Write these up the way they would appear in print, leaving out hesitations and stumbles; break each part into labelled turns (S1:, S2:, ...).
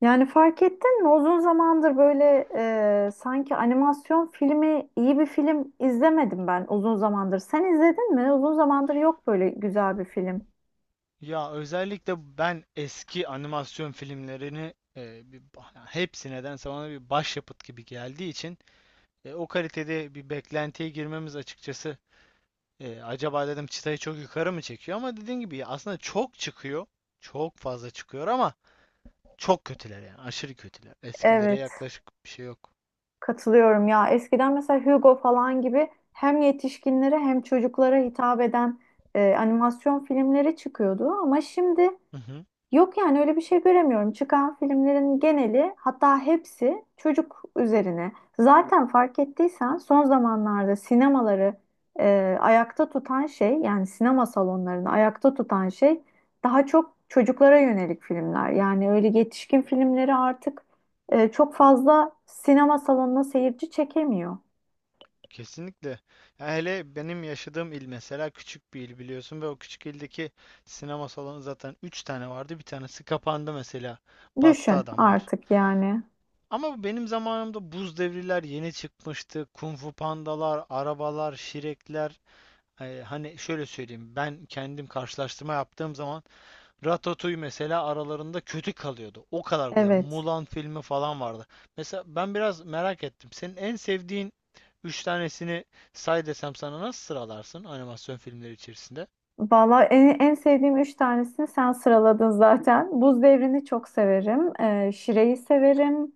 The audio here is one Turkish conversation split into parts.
S1: Yani fark ettin mi? Uzun zamandır böyle sanki animasyon filmi, iyi bir film izlemedim ben uzun zamandır. Sen izledin mi? Uzun zamandır yok böyle güzel bir film.
S2: Ya özellikle ben eski animasyon filmlerini yani hepsi nedense bana bir başyapıt gibi geldiği için o kalitede bir beklentiye girmemiz açıkçası acaba dedim çıtayı çok yukarı mı çekiyor ama dediğin gibi ya aslında çok çıkıyor. Çok fazla çıkıyor ama çok kötüler yani aşırı kötüler. Eskilere
S1: Evet,
S2: yaklaşık bir şey yok.
S1: katılıyorum ya. Eskiden mesela Hugo falan gibi hem yetişkinlere hem çocuklara hitap eden animasyon filmleri çıkıyordu. Ama şimdi yok yani öyle bir şey göremiyorum. Çıkan filmlerin geneli hatta hepsi çocuk üzerine. Zaten fark ettiysen son zamanlarda sinemaları ayakta tutan şey yani sinema salonlarını ayakta tutan şey daha çok çocuklara yönelik filmler. Yani öyle yetişkin filmleri artık çok fazla sinema salonuna seyirci çekemiyor.
S2: Kesinlikle. Ya hele benim yaşadığım il mesela küçük bir il biliyorsun ve o küçük ildeki sinema salonu zaten 3 tane vardı. Bir tanesi kapandı mesela. Battı
S1: Düşün
S2: adamlar.
S1: artık yani.
S2: Ama bu benim zamanımda buz devriler yeni çıkmıştı. Kung Fu pandalar, arabalar, şirekler. Hani şöyle söyleyeyim. Ben kendim karşılaştırma yaptığım zaman Ratatouille mesela aralarında kötü kalıyordu. O kadar güzel.
S1: Evet.
S2: Mulan filmi falan vardı. Mesela ben biraz merak ettim. Senin en sevdiğin üç tanesini say desem sana nasıl sıralarsın animasyon filmleri içerisinde?
S1: Valla en sevdiğim üç tanesini sen sıraladın zaten. Buz Devri'ni çok severim. Şire'yi severim.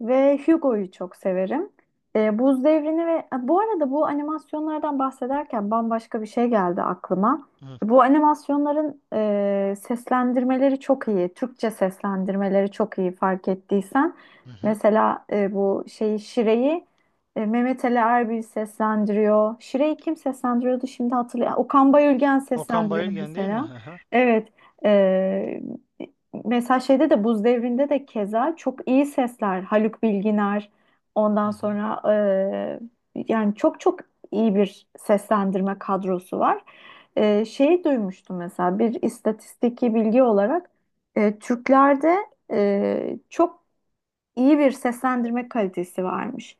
S1: Ve Hugo'yu çok severim. Buz Devri'ni ve bu arada bu animasyonlardan bahsederken bambaşka bir şey geldi aklıma.
S2: Hı
S1: Bu animasyonların seslendirmeleri çok iyi. Türkçe seslendirmeleri çok iyi fark ettiysen.
S2: hı. Hı.
S1: Mesela bu Şire'yi Mehmet Ali Erbil seslendiriyor. Şire'yi kim seslendiriyordu şimdi hatırlayayım. Okan Bayülgen
S2: Okan
S1: seslendiriyor
S2: Bayülgen değil mi?
S1: mesela.
S2: Hı hı.
S1: Evet. e, Mesela şeyde de Buz Devri'nde de keza çok iyi sesler. Haluk Bilginer ondan
S2: Hı hı.
S1: sonra yani çok iyi bir seslendirme kadrosu var. Şeyi duymuştum mesela bir istatistiki bilgi olarak Türklerde çok iyi bir seslendirme kalitesi varmış.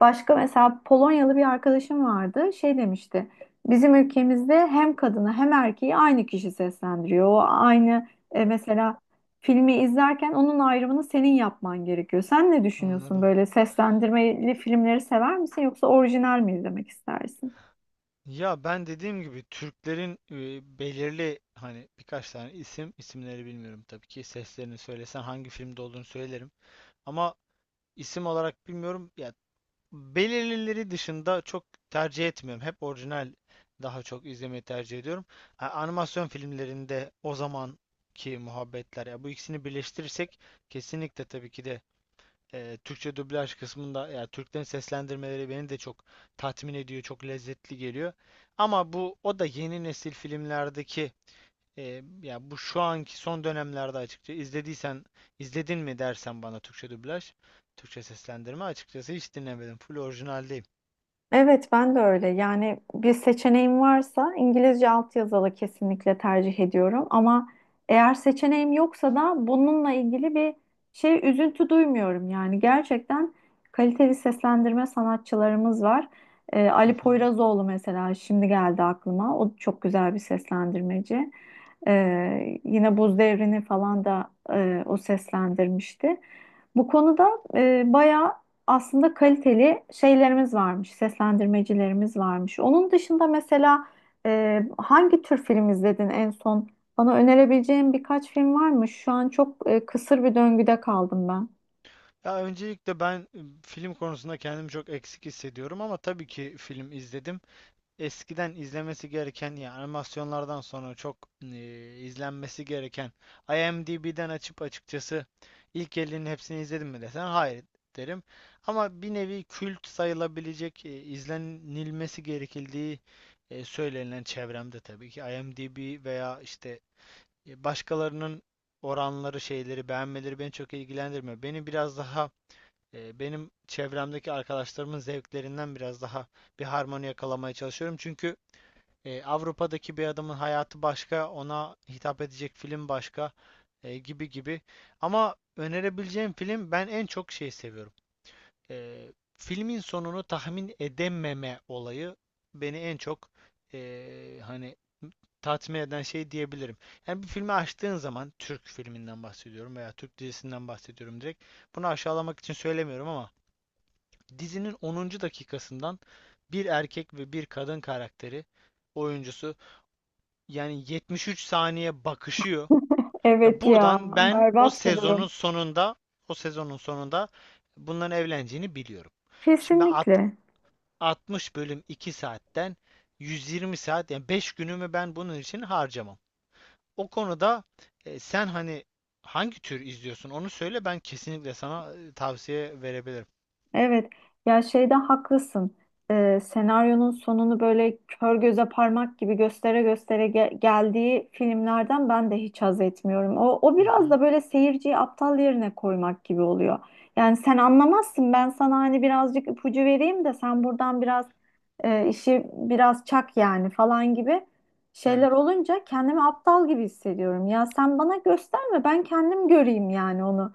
S1: Başka mesela Polonyalı bir arkadaşım vardı. Şey demişti. Bizim ülkemizde hem kadını hem erkeği aynı kişi seslendiriyor. O aynı mesela filmi izlerken onun ayrımını senin yapman gerekiyor. Sen ne düşünüyorsun,
S2: Anladım.
S1: böyle seslendirmeli filmleri sever misin yoksa orijinal mi izlemek istersin?
S2: Ya ben dediğim gibi Türklerin belirli hani birkaç tane isim isimleri bilmiyorum, tabii ki seslerini söylesen hangi filmde olduğunu söylerim ama isim olarak bilmiyorum ya. Belirlileri dışında çok tercih etmiyorum. Hep orijinal daha çok izlemeyi tercih ediyorum. Animasyon filmlerinde o zamanki muhabbetler ya, bu ikisini birleştirirsek kesinlikle tabii ki de Türkçe dublaj kısmında ya Türklerin seslendirmeleri beni de çok tatmin ediyor, çok lezzetli geliyor. Ama bu o da yeni nesil filmlerdeki ya bu şu anki son dönemlerde açıkça izlediysen, izledin mi dersen bana Türkçe dublaj, Türkçe seslendirme açıkçası hiç dinlemedim. Full orijinalde.
S1: Evet, ben de öyle. Yani bir seçeneğim varsa İngilizce altyazılı kesinlikle tercih ediyorum. Ama eğer seçeneğim yoksa da bununla ilgili bir şey üzüntü duymuyorum. Yani gerçekten kaliteli seslendirme sanatçılarımız var.
S2: Hı
S1: Ali
S2: hı.
S1: Poyrazoğlu mesela şimdi geldi aklıma. O çok güzel bir seslendirmeci. Yine Buz Devri'ni falan da o seslendirmişti. Bu konuda bayağı aslında kaliteli şeylerimiz varmış, seslendirmecilerimiz varmış. Onun dışında mesela hangi tür film izledin en son? Bana önerebileceğin birkaç film var mı? Şu an çok kısır bir döngüde kaldım ben.
S2: Ya öncelikle ben film konusunda kendimi çok eksik hissediyorum ama tabii ki film izledim. Eskiden izlemesi gereken ya animasyonlardan sonra çok izlenmesi gereken IMDb'den açıp açıkçası ilk 50'nin hepsini izledim mi desen hayır derim. Ama bir nevi kült sayılabilecek izlenilmesi gerekildiği söylenilen çevremde tabii ki IMDb veya işte, başkalarının oranları, şeyleri, beğenmeleri beni çok ilgilendirmiyor. Beni biraz daha benim çevremdeki arkadaşlarımın zevklerinden biraz daha bir harmoni yakalamaya çalışıyorum. Çünkü Avrupa'daki bir adamın hayatı başka, ona hitap edecek film başka, gibi gibi. Ama önerebileceğim film, ben en çok şey seviyorum. Eee, Filmin sonunu tahmin edememe olayı beni en çok hani tatmin eden şey diyebilirim. Yani bir filmi açtığın zaman, Türk filminden bahsediyorum veya Türk dizisinden bahsediyorum direkt. Bunu aşağılamak için söylemiyorum ama dizinin onuncu dakikasından bir erkek ve bir kadın karakteri, oyuncusu, yani 73 saniye bakışıyor. Ya
S1: Evet ya,
S2: buradan ben o
S1: berbat bir
S2: sezonun
S1: durum.
S2: sonunda o sezonun sonunda bunların evleneceğini biliyorum. Şimdi ben
S1: Kesinlikle.
S2: 60 bölüm 2 saatten 120 saat, yani 5 günümü ben bunun için harcamam. O konuda sen hani hangi tür izliyorsun onu söyle, ben kesinlikle sana tavsiye verebilirim.
S1: Evet, ya şeyde haklısın. Senaryonun sonunu böyle kör göze parmak gibi göstere göstere geldiği filmlerden ben de hiç haz etmiyorum. O
S2: Hı
S1: biraz
S2: hı.
S1: da böyle seyirciyi aptal yerine koymak gibi oluyor. Yani sen anlamazsın, ben sana hani birazcık ipucu vereyim de sen buradan biraz işi biraz çak yani falan gibi
S2: Yani,
S1: şeyler olunca kendimi aptal gibi hissediyorum. Ya sen bana gösterme, ben kendim göreyim yani onu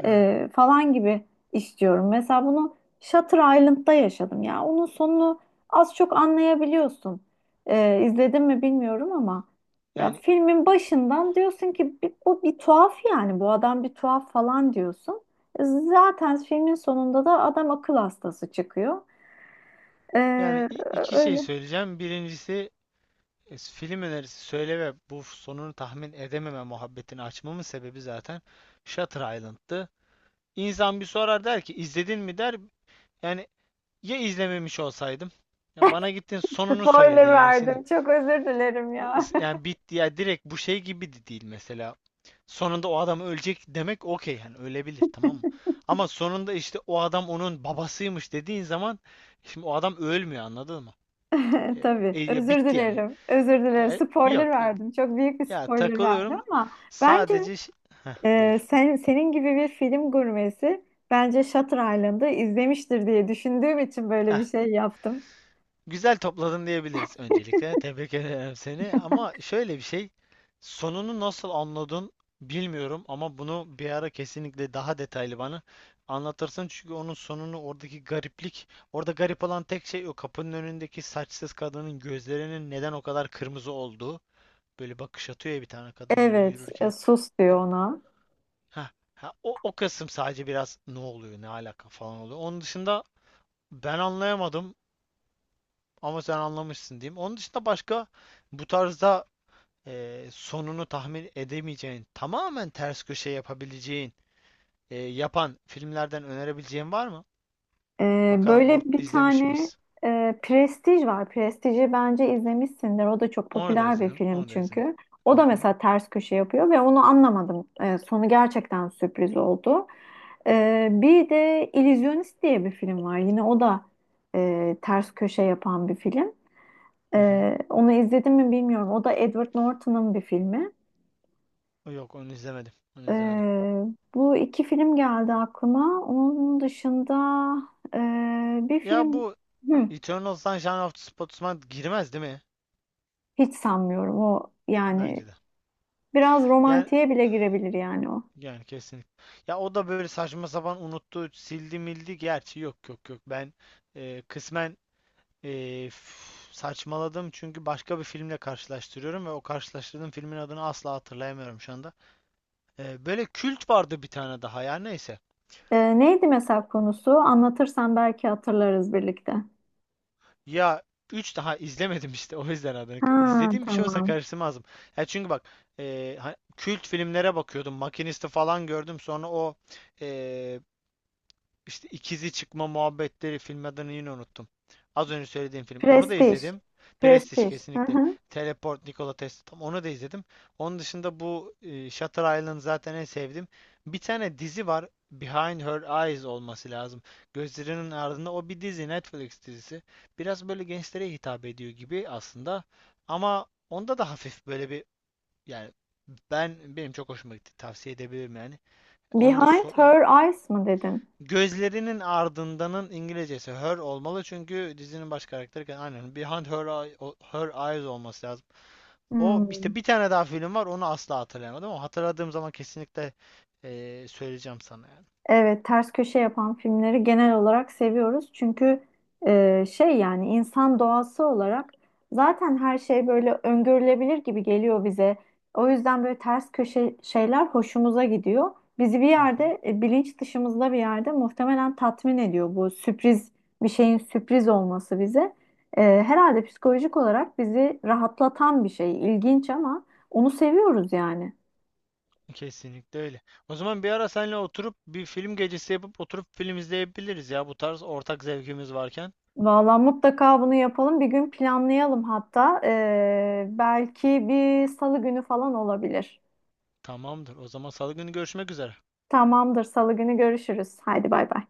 S2: yani,
S1: falan gibi istiyorum. Mesela bunu Shutter Island'da yaşadım ya. Onun sonunu az çok anlayabiliyorsun. İzledin mi bilmiyorum ama ya
S2: yani,
S1: filmin başından diyorsun ki "Bir- bu bir tuhaf yani bu adam bir tuhaf falan diyorsun. Zaten filmin sonunda da adam akıl hastası çıkıyor.
S2: yani,
S1: Ee,
S2: iki şey
S1: Öyle
S2: söyleyeceğim. Birincisi film önerisi söyle, ve bu sonunu tahmin edememe muhabbetini açmamın sebebi zaten Shutter Island'tı. İnsan bir sorar, der ki izledin mi der. Yani, ya izlememiş olsaydım. Ya bana gittin sonunu
S1: spoiler
S2: söyledin, yani şimdi,
S1: verdim. Çok özür dilerim ya.
S2: yani bitti ya, direkt bu şey gibi de değil mesela. Sonunda o adam ölecek demek, okey yani, ölebilir tamam mı? Ama sonunda işte o adam onun babasıymış dediğin zaman, şimdi o adam ölmüyor, anladın mı? E,
S1: Tabii.
S2: Ya
S1: Özür
S2: bitti yani.
S1: dilerim. Özür dilerim. Spoiler
S2: Yok yok.
S1: verdim. Çok büyük bir
S2: Ya
S1: spoiler verdim
S2: takılıyorum.
S1: ama bence
S2: Sadece şey... Heh, buyur.
S1: senin gibi bir film gurmesi bence Shutter Island'ı izlemiştir diye düşündüğüm için böyle
S2: Heh.
S1: bir şey yaptım.
S2: Güzel topladın diyebiliriz öncelikle. Tebrik ederim seni. Ama şöyle bir şey, sonunu nasıl anladın bilmiyorum, ama bunu bir ara kesinlikle daha detaylı bana anlatırsın. Çünkü onun sonunu, oradaki gariplik, orada garip olan tek şey o kapının önündeki saçsız kadının gözlerinin neden o kadar kırmızı olduğu. Böyle bakış atıyor ya bir tane kadın böyle
S1: Evet.
S2: yürürken.
S1: Sus diyor ona.
S2: Ha, o kısım sadece biraz ne oluyor, ne alaka falan oluyor. Onun dışında ben anlayamadım. Ama sen anlamışsın diyeyim. Onun dışında başka bu tarzda sonunu tahmin edemeyeceğin, tamamen ters köşe yapabileceğin, yapan filmlerden önerebileceğin var mı? Bakalım, or
S1: Böyle bir
S2: izlemiş
S1: tane
S2: miyiz?
S1: Prestij var. Prestij'i bence izlemişsindir. O da çok
S2: Onu da
S1: popüler bir
S2: izledim,
S1: film
S2: onu da izledim.
S1: çünkü. O
S2: Hı
S1: da
S2: hı,
S1: mesela ters köşe yapıyor ve onu anlamadım. Sonu gerçekten sürpriz oldu. Bir de İllüzyonist diye bir film var. Yine o da ters köşe yapan bir film.
S2: hı hı.
S1: Onu izledim mi bilmiyorum. O da Edward Norton'ın bir filmi.
S2: Yok, onu izlemedim, onu izlemedim.
S1: Ee, Bu iki film geldi aklıma. Onun dışında e, bir
S2: Ya
S1: film...
S2: bu
S1: Hı.
S2: Eternal Sunshine of the Spotless Mind girmez değil mi?
S1: Hiç sanmıyorum o
S2: Bence
S1: yani,
S2: de.
S1: biraz
S2: Yani
S1: romantiğe bile girebilir yani o.
S2: yani kesinlikle. Ya o da böyle saçma sapan unuttu, sildi mildi. Gerçi yok yok yok. Ben kısmen, saçmaladım çünkü başka bir filmle karşılaştırıyorum ve o karşılaştırdığım filmin adını asla hatırlayamıyorum şu anda. Böyle kült vardı bir tane daha, ya neyse.
S1: Neydi mesela konusu? Anlatırsan belki hatırlarız birlikte.
S2: Ya 3 daha izlemedim işte, o yüzden adını.
S1: Ha
S2: İzlediğim bir şey olsa
S1: tamam.
S2: karıştırmazdım. Ya çünkü bak, kült filmlere bakıyordum. Makinist'i falan gördüm, sonra o e, İşte ikizi çıkma muhabbetleri, film adını yine unuttum. Az önce söylediğim film. Onu da
S1: Prestij.
S2: izledim. Prestige,
S1: Prestij. Hı
S2: kesinlikle.
S1: hı.
S2: Teleport, Nikola Tesla. Tam onu da izledim. Onun dışında bu Shutter Island zaten en sevdim. Bir tane dizi var. Behind Her Eyes olması lazım. Gözlerinin ardında, o bir dizi. Netflix dizisi. Biraz böyle gençlere hitap ediyor gibi aslında. Ama onda da hafif böyle bir, yani, ben benim çok hoşuma gitti. Tavsiye edebilirim yani. Onu da,
S1: Behind
S2: so yani,
S1: Her Eyes mı dedin?
S2: Gözlerinin ardındanın İngilizcesi her olmalı, çünkü dizinin baş karakteri aynen Behind Her, her Eyes olması lazım. O,
S1: Hmm.
S2: işte bir tane daha film var, onu asla hatırlayamadım ama hatırladığım zaman kesinlikle söyleyeceğim sana yani.
S1: Evet, ters köşe yapan filmleri genel olarak seviyoruz. Çünkü yani insan doğası olarak zaten her şey böyle öngörülebilir gibi geliyor bize. O yüzden böyle ters köşe şeyler hoşumuza gidiyor. Bizi bir
S2: Hı hı.
S1: yerde bilinç dışımızda bir yerde muhtemelen tatmin ediyor bu bir şeyin sürpriz olması bize. Herhalde psikolojik olarak bizi rahatlatan bir şey. İlginç ama onu seviyoruz yani.
S2: Kesinlikle öyle. O zaman bir ara seninle oturup bir film gecesi yapıp oturup film izleyebiliriz ya, bu tarz ortak zevkimiz varken.
S1: Valla mutlaka bunu yapalım. Bir gün planlayalım hatta. Belki bir salı günü falan olabilir.
S2: Tamamdır. O zaman salı günü görüşmek üzere.
S1: Tamamdır, salı günü görüşürüz. Haydi bay bay.